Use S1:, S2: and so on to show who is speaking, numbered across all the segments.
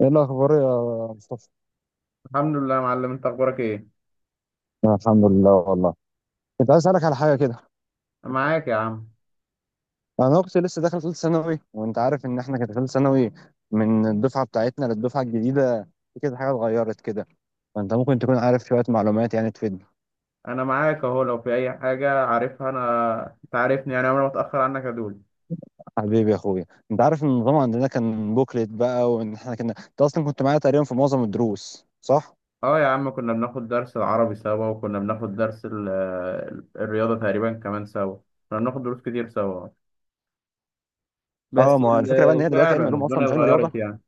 S1: ايه الاخبار يا مصطفى؟
S2: الحمد لله يا معلم، انت اخبارك ايه؟
S1: أنا الحمد لله والله. كنت عايز اسالك على حاجه كده.
S2: أنا معاك يا عم.
S1: انا اختي لسه داخله ثالثه ثانوي وانت عارف ان احنا كانت ثالثه ثانوي من الدفعه بتاعتنا للدفعه الجديده. في كده حاجه اتغيرت كده. فانت ممكن تكون عارف شويه معلومات يعني تفيدنا.
S2: انا معاك اهو، لو في اي حاجه عارفها، انا انت عارفني يعني عمري ما اتاخر عنك يا دول.
S1: حبيبي يا اخويا، انت عارف ان النظام عندنا كان بوكلت بقى، وان احنا كنا، انت اصلا كنت معايا تقريبا في معظم الدروس، صح؟
S2: اه يا عم، كنا بناخد درس العربي سوا، وكنا بناخد درس الرياضه تقريبا كمان سوا. كنا بناخد دروس كتير سوا. بس
S1: اه، ما هو الفكره بقى ان هي دلوقتي
S2: فعلا
S1: علم علوم اصلا
S2: الدنيا
S1: مش علم رياضه.
S2: اتغيرت يعني.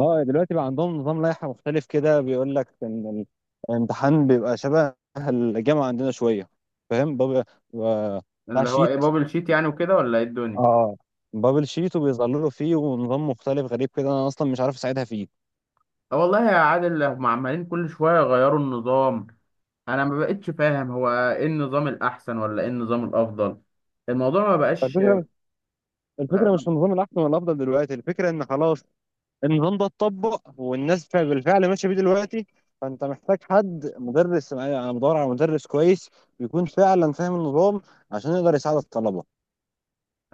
S1: اه دلوقتي بقى عندهم نظام لائحة مختلف كده بيقول لك ان الامتحان بيبقى شبه الجامعة عندنا شوية. فاهم بابل؟ بيبقى بتاع
S2: اللي هو ايه،
S1: شيت.
S2: بابل شيت يعني وكده ولا ايه الدنيا؟
S1: اه بابل شيت وبيظللوا فيه ونظام مختلف غريب كده، انا اصلا مش عارف اساعدها فيه.
S2: اه والله يا عادل، هم عمالين كل شويه يغيروا النظام. انا ما بقتش فاهم هو ايه النظام الاحسن ولا ايه النظام الافضل. الموضوع ما بقاش.
S1: الفكرة، الفكرة مش في النظام الأحسن ولا الأفضل دلوقتي، الفكرة إن خلاص النظام ده اتطبق والناس بالفعل ماشية بيه دلوقتي. فأنت محتاج حد مدرس، أنا بدور على مدرس كويس يكون فعلا فاهم النظام عشان يقدر يساعد الطلبة.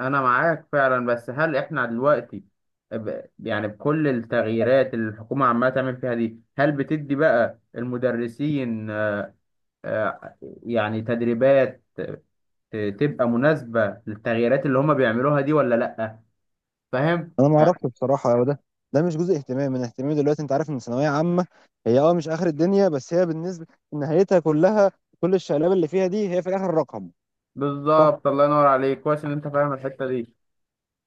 S2: انا معاك فعلا، بس هل احنا دلوقتي، يعني بكل التغييرات اللي الحكومة عمالة تعمل فيها دي، هل بتدي بقى المدرسين آه، يعني تدريبات تبقى مناسبة للتغييرات اللي هما بيعملوها دي ولا لأ؟ فاهم؟
S1: انا ما اعرفش بصراحه هو ده مش جزء اهتمامي، من اهتمامي دلوقتي انت عارف ان ثانويه عامه هي اه مش اخر الدنيا، بس هي بالنسبه، نهايتها كلها، كل الشقلاب اللي فيها دي هي في الاخر رقم. صح،
S2: بالظبط، الله ينور عليك، كويس ان انت فاهم الحتة دي.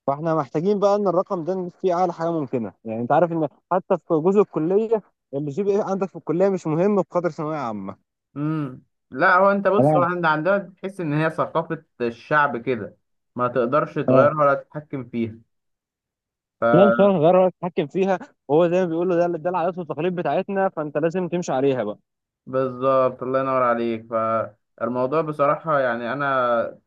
S1: فاحنا محتاجين بقى ان الرقم ده نجيب فيه اعلى حاجه ممكنه. يعني انت عارف ان حتى في جزء الكليه، اللي جي بي ايه عندك في الكليه مش مهم بقدر ثانويه عامه.
S2: امم. لا، هو انت بص، هو
S1: لا،
S2: عندنا تحس ان هي ثقافة الشعب كده. ما تقدرش
S1: اه،
S2: تغيرها ولا تتحكم فيها.
S1: لا ان شاء الله هنغير رأيك نتحكم فيها. وهو زي ما بيقولوا، ده ده العادات والتقاليد بتاعتنا فانت لازم تمشي عليها بقى.
S2: بالظبط، الله ينور عليك. فالموضوع بصراحة، يعني أنا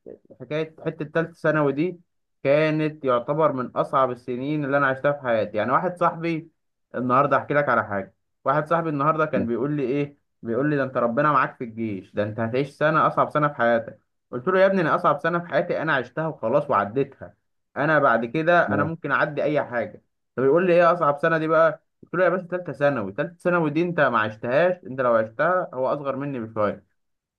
S2: حكاية حتة تالتة ثانوي دي كانت يعتبر من أصعب السنين اللي أنا عشتها في حياتي. يعني واحد صاحبي النهاردة أحكي لك على حاجة. واحد صاحبي النهاردة كان
S1: لا،
S2: بيقول لي إيه، بيقول لي ده أنت ربنا معاك في الجيش، ده أنت هتعيش سنة أصعب سنة في حياتك. قلت له يا ابني، أنا أصعب سنة في حياتي أنا عشتها وخلاص وعديتها. أنا بعد كده أنا
S1: لا.
S2: ممكن أعدي أي حاجة. طب يقول لي إيه أصعب سنة دي بقى. قلت له يا باشا، تالتة ثانوي، تالتة ثانوي دي أنت ما عشتهاش، أنت لو عشتها، هو أصغر مني بشوية.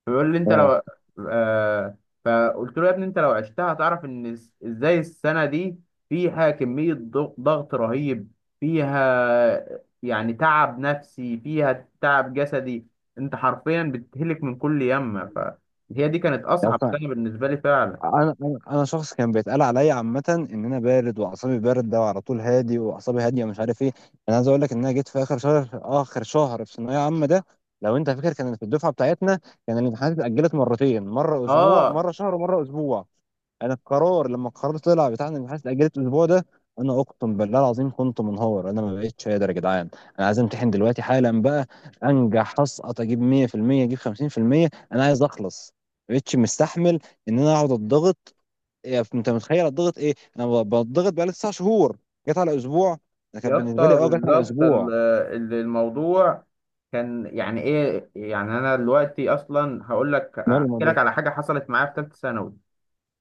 S2: بيقول لي انت
S1: اه،
S2: لو. آه. فقلت له يا ابني، انت لو عشتها هتعرف ان ازاي السنه دي فيها كميه ضغط رهيب، فيها يعني تعب نفسي، فيها تعب جسدي. انت حرفيا بتهلك من كل يمه، فهي دي كانت اصعب سنه بالنسبه لي فعلا.
S1: انا انا أنا شخص كان بيتقال عليا عامه ان انا بارد واعصابي بارده وعلى طول هادي واعصابي هاديه ومش عارف ايه. انا عايز اقول لك ان انا جيت في اخر شهر، اخر شهر في ثانويه عامه ده، لو انت فاكر، كانت في الدفعه بتاعتنا كان الامتحانات اتاجلت مرتين: مره اسبوع،
S2: اه
S1: مره شهر، ومره اسبوع. انا القرار لما القرار طلع بتاع ان الامتحانات اتاجلت الاسبوع ده، انا اقسم بالله العظيم كنت منهار، انا ما بقتش قادر يا جدعان. انا عايز امتحن دلوقتي حالا بقى، انجح اسقط، اجيب 100%، اجيب 50%، انا عايز اخلص. ما بقتش مستحمل ان انا اقعد اتضغط. انت متخيل اتضغط ايه؟ انا ب- بتضغط بقالي 9 شهور، جت على اسبوع. ده كان
S2: يا
S1: بالنسبه
S2: اسطى،
S1: لي، اه جت على
S2: بالظبط
S1: اسبوع.
S2: الموضوع كان يعني ايه. يعني انا دلوقتي اصلا هقول لك،
S1: ماله
S2: احكي
S1: الموضوع؟
S2: لك على حاجه حصلت معايا في ثالثه ثانوي.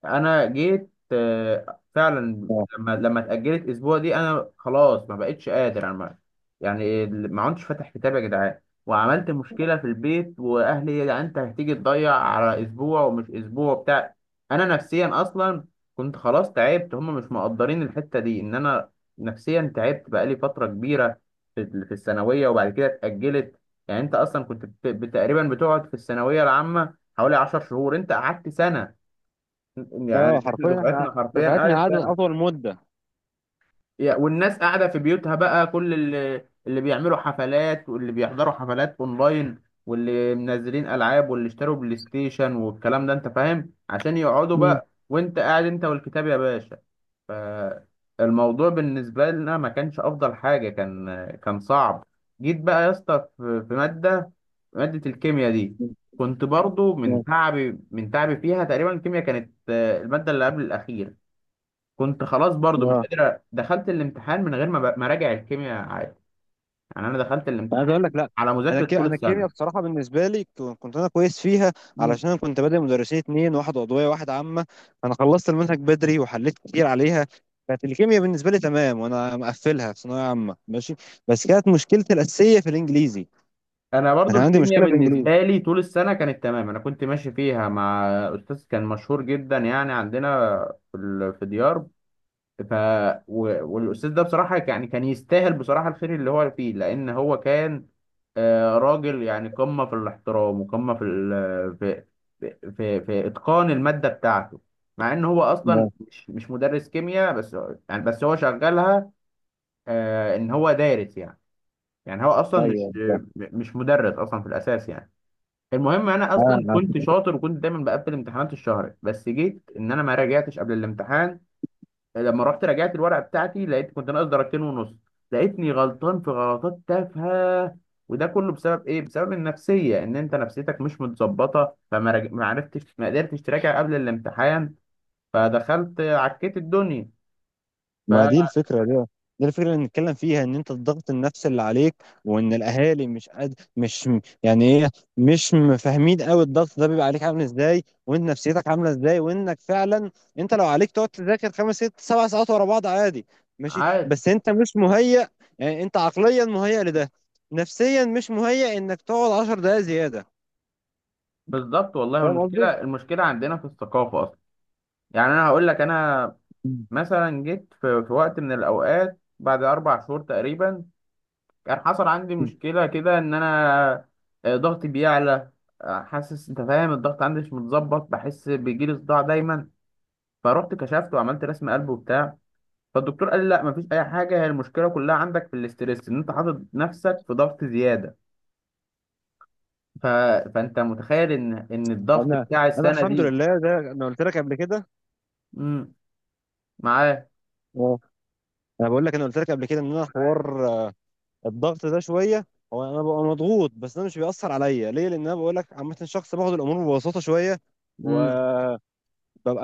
S2: انا جيت فعلا،
S1: اه،
S2: لما اتاجلت اسبوع دي، انا خلاص ما بقتش قادر، انا ما- يعني ما عدتش فاتح كتاب يا جدعان. وعملت مشكله في البيت واهلي يا جدعان، انت هتيجي تضيع على اسبوع ومش اسبوع بتاع. انا نفسيا اصلا كنت خلاص تعبت، هم مش مقدرين الحته دي ان انا نفسيا تعبت بقالي فتره كبيره في في الثانويه، وبعد كده اتاجلت. يعني انت اصلا كنت تقريبا بتقعد في الثانويه العامه حوالي 10 شهور، انت قعدت سنه. يعني
S1: آه،
S2: احنا
S1: حرفيا احنا
S2: دفعتنا حرفيا
S1: دفعتنا
S2: قعدت
S1: قعدت
S2: سنه.
S1: اطول مده.
S2: والناس قاعده في بيوتها بقى، كل اللي بيعملوا حفلات، واللي بيحضروا حفلات اونلاين، واللي منزلين العاب، واللي اشتروا بلاي ستيشن والكلام ده انت فاهم، عشان يقعدوا
S1: مم.
S2: بقى، وانت قاعد انت والكتاب يا باشا. فالموضوع بالنسبه لنا ما كانش افضل حاجه، كان صعب. جيت بقى يا اسطى في ماده، الكيمياء دي كنت برضو من تعبي فيها تقريبا. الكيمياء كانت الماده اللي قبل الاخير. كنت خلاص برضو مش
S1: اه
S2: قادر دخلت الامتحان من غير ما اراجع الكيمياء عادي. يعني انا دخلت
S1: انا عايز اقول
S2: الامتحان
S1: لك، لا
S2: على
S1: انا
S2: مذاكره طول
S1: انا الكيمياء
S2: السنه.
S1: بصراحه بالنسبه لي كنت انا كويس فيها.
S2: مم.
S1: علشان انا كنت بادئ مدرسين اتنين، واحد عضويه واحد عامه. انا خلصت المنهج بدري وحليت كتير عليها. كانت الكيمياء بالنسبه لي تمام وانا مقفلها في ثانويه عامه ماشي. بس كانت مشكلتي الاساسيه في الانجليزي.
S2: انا
S1: انا
S2: برضو
S1: كان عندي
S2: الكيمياء
S1: مشكله في الانجليزي.
S2: بالنسبه لي طول السنه كانت تمام، انا كنت ماشي فيها مع استاذ كان مشهور جدا يعني عندنا في في ديار. ف والاستاذ ده بصراحه يعني كان يستاهل بصراحه الخير اللي هو فيه، لان هو كان راجل يعني قمه في الاحترام، وقمه في اتقان الماده بتاعته. مع ان هو اصلا
S1: لا
S2: مش مدرس كيمياء، بس يعني بس هو شغلها، ان هو دارس يعني. يعني هو اصلا مش
S1: ايوه،
S2: مش مدرس اصلا في الاساس يعني. المهم انا اصلا كنت شاطر وكنت دايما بقفل امتحانات الشهر، بس جيت ان انا ما راجعتش قبل الامتحان. لما رحت راجعت الورقه بتاعتي، لقيت كنت ناقص درجتين ونص. لقيتني غلطان في غلطات تافهه. وده كله بسبب ايه؟ بسبب النفسيه، ان انت نفسيتك مش متظبطه، ما عرفتش ما قدرتش تراجع قبل الامتحان. فدخلت عكيت الدنيا.
S1: ما دي الفكرة دي، دي الفكرة اللي نتكلم فيها ان انت الضغط النفسي اللي عليك، وان الاهالي مش قد مش م- يعني ايه، مش م- فاهمين قوي الضغط ده بيبقى عليك عامل ازاي، وانت نفسيتك عاملة ازاي، وانك فعلا انت لو عليك تقعد تذاكر خمس ست سبع ساعات ورا بعض عادي ماشي،
S2: فعاد.
S1: بس انت مش مهيأ. يعني انت عقليا مهيأ لده، نفسيا مش مهيأ انك تقعد 10 دقايق زيادة.
S2: بالظبط والله.
S1: فاهم قصدي؟
S2: والمشكله عندنا في الثقافه اصلا. يعني انا هقول لك، انا مثلا جيت في, وقت من الاوقات بعد اربع شهور تقريبا، كان حصل عندي مشكلة كده إن أنا ضغطي بيعلى، حاسس أنت فاهم، الضغط عندي مش متظبط، بحس بيجيلي صداع دايما. فرحت كشفت وعملت رسم قلب وبتاع. فالدكتور قال لي لا مفيش أي حاجة، هي المشكلة كلها عندك في الاسترس، إن أنت حاطط نفسك في ضغط زيادة. ف... فأنت متخيل إن الضغط
S1: انا،
S2: بتاع السنة
S1: الحمد
S2: دي.
S1: لله، ده انا قلت لك قبل كده.
S2: امم. معاه.
S1: اه، انا بقول لك انا قلت لك قبل كده ان انا حوار الضغط ده شويه. هو انا ببقى مضغوط بس ده مش بيأثر عليا ليه؟ لان انا بقول لك عامه شخص باخد الامور ببساطه شويه
S2: امم.
S1: وببقى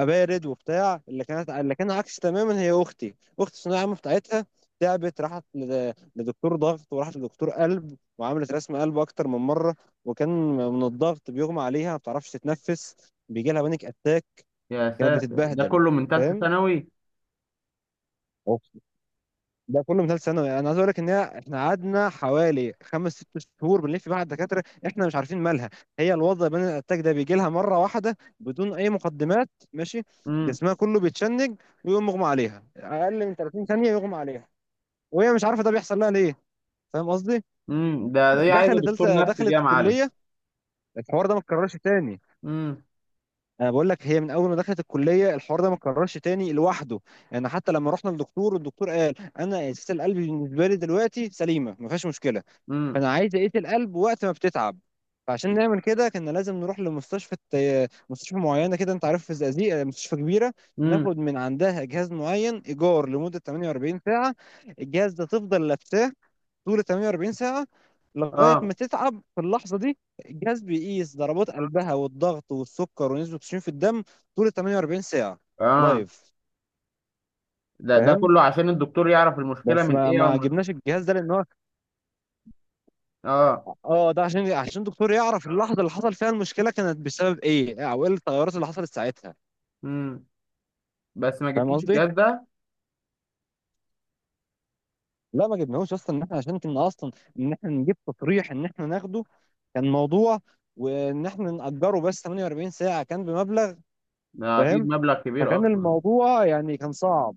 S1: بارد وبتاع. اللي كانت اللي كان عكس تماما هي اختي، اختي الثانويه العامه بتاعتها. تعبت، راحت لدكتور ضغط وراحت لدكتور قلب وعملت رسم قلب اكتر من مره. وكان من الضغط بيغمى عليها، ما بتعرفش تتنفس، بيجي لها بانيك اتاك،
S2: يا
S1: كانت
S2: ساتر، ده
S1: بتتبهدل.
S2: كله من تالتة
S1: فاهم؟
S2: ثانوي؟
S1: ده كله من ثالث ثانوي. يعني انا عايز اقول لك ان هي، احنا قعدنا حوالي خمس ست شهور بنلف مع الدكاتره احنا مش عارفين مالها. هي الوضع بين الاتاك ده بيجي لها مره واحده بدون اي مقدمات ماشي،
S2: امم.
S1: جسمها كله بيتشنج ويقوم مغمى عليها. اقل من 30 ثانيه يغمى عليها وهي مش عارفه ده بيحصل لها ليه. فاهم قصدي؟
S2: ده دي عايزة
S1: دخلت ثالثه،
S2: دكتور نفسي دي يا
S1: دخلت
S2: معلم.
S1: كليه، الحوار ده ما اتكررش تاني.
S2: امم.
S1: انا بقول لك هي من اول ما دخلت الكليه الحوار ده ما اتكررش تاني لوحده. انا حتى لما رحنا للدكتور، والدكتور قال انا اساس القلب بالنسبه لي دلوقتي سليمه ما فيهاش مشكله،
S2: امم.
S1: فانا عايز اقيس القلب وقت ما بتتعب. فعشان نعمل كده كنا لازم نروح لمستشفى، مستشفى معينه كده، انت عارف في الزقازيق مستشفى كبيره،
S2: امم.
S1: ناخد من عندها جهاز معين ايجار لمده 48 ساعه. الجهاز ده تفضل لابساه طول 48 ساعه، لغايه
S2: اه.
S1: ما تتعب في اللحظه دي. الجهاز بيقيس ضربات قلبها والضغط والسكر ونسبه الاكسجين في الدم طول 48 ساعه
S2: اه
S1: لايف.
S2: ده
S1: فاهم؟
S2: كله عشان الدكتور يعرف المشكله
S1: بس
S2: من
S1: ما
S2: ايه،
S1: ما جبناش الجهاز ده لان هو،
S2: اه.
S1: اه، ده عشان الدكتور يعرف اللحظه اللي حصل فيها المشكله كانت بسبب ايه، او ايه التغيرات اللي حصلت ساعتها.
S2: امم. بس ما
S1: فاهم
S2: جبتوش
S1: قصدي؟
S2: الجهاز ده؟
S1: لا ما جبناهوش اصلا، ان احنا عشان كنا اصلا ان احنا نجيب تصريح ان احنا ناخده، كان موضوع، وان احنا نأجره بس 48 ساعه كان بمبلغ.
S2: ده اكيد
S1: فاهم؟
S2: مبلغ كبير
S1: فكان
S2: اصلا.
S1: الموضوع يعني كان صعب.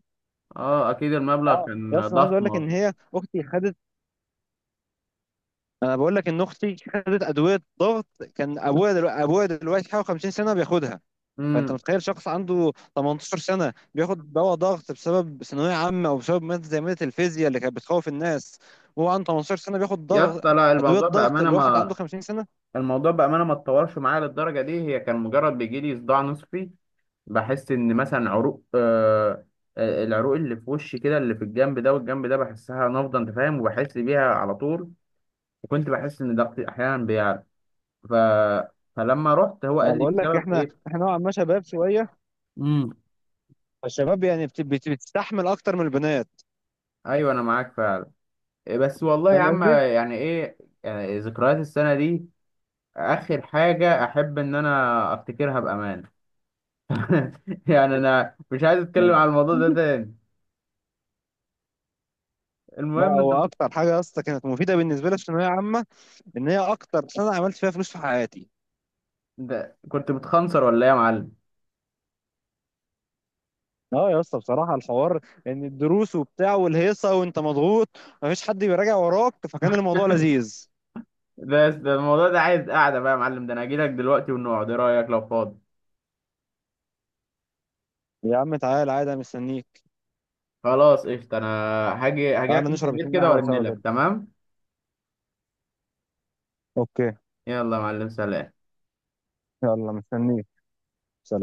S2: اه اكيد المبلغ
S1: اه يا،
S2: كان
S1: اصلا عايز اقول
S2: ضخم
S1: لك ان
S2: اصلا.
S1: هي اختي خدت، انا بقول لك ان اختي خدت ادويه ضغط. كان ابويا دلوقتي، حوالي 50 سنه بياخدها. فانت
S2: امم.
S1: متخيل شخص عنده 18 سنه بياخد دواء ضغط بسبب ثانويه عامه، او بسبب ماده زي ماده الفيزياء اللي كانت بتخوف الناس، وهو عنده 18 سنه بياخد
S2: يا
S1: ضغط،
S2: اسطى لا،
S1: ادويه ضغط الواحد عنده 50 سنه.
S2: الموضوع بامانه ما اتطورش معايا للدرجه دي، هي كان مجرد بيجي لي صداع نصفي. بحس ان مثلا عروق آه آه، العروق اللي في وشي كده، اللي في الجنب ده والجنب ده، بحسها نافضه انت فاهم، وبحس بيها على طول. وكنت بحس ان ضغطي احيانا بيعلى. ف... فلما رحت هو
S1: انا
S2: قال لي
S1: بقول لك
S2: بسبب
S1: احنا
S2: ايه.
S1: احنا نوعا ما شباب شويه.
S2: امم.
S1: فالشباب يعني بتستحمل اكتر من البنات.
S2: ايوه انا معاك فعلا. إيه بس والله يا
S1: فاهم
S2: عم،
S1: قصدي؟
S2: يعني ايه. يعني ذكريات السنه دي اخر حاجه احب ان انا افتكرها بامان. يعني انا مش عايز اتكلم على الموضوع ده تاني.
S1: لا
S2: المهم انت.
S1: هو اكتر حاجه يا اسطى كانت مفيده بالنسبه لي في الثانويه عامه ان هي اكتر سنه عملت فيها فلوس في حياتي.
S2: ده كنت بتخنصر ولا ايه يا معلم؟
S1: اه يا اسطى، بصراحه الحوار ان الدروس وبتاع والهيصه وانت مضغوط، مفيش حد بيراجع وراك، فكان الموضوع لذيذ.
S2: ده الموضوع ده عايز قاعده بقى يا معلم، ده انا هجيلك دلوقتي ونقعد، ايه رايك لو فاضي؟
S1: يا عم تعال عادي، أنا مستنيك.
S2: خلاص قشطه، انا
S1: تعال
S2: هاجيلك تحت
S1: نشرب
S2: البيت
S1: اتنين
S2: كده،
S1: قهوه
S2: وارن
S1: سوا
S2: لك
S1: كده.
S2: تمام.
S1: اوكي،
S2: يلا يا معلم، سلام.
S1: يلا، مستنيك، سلام.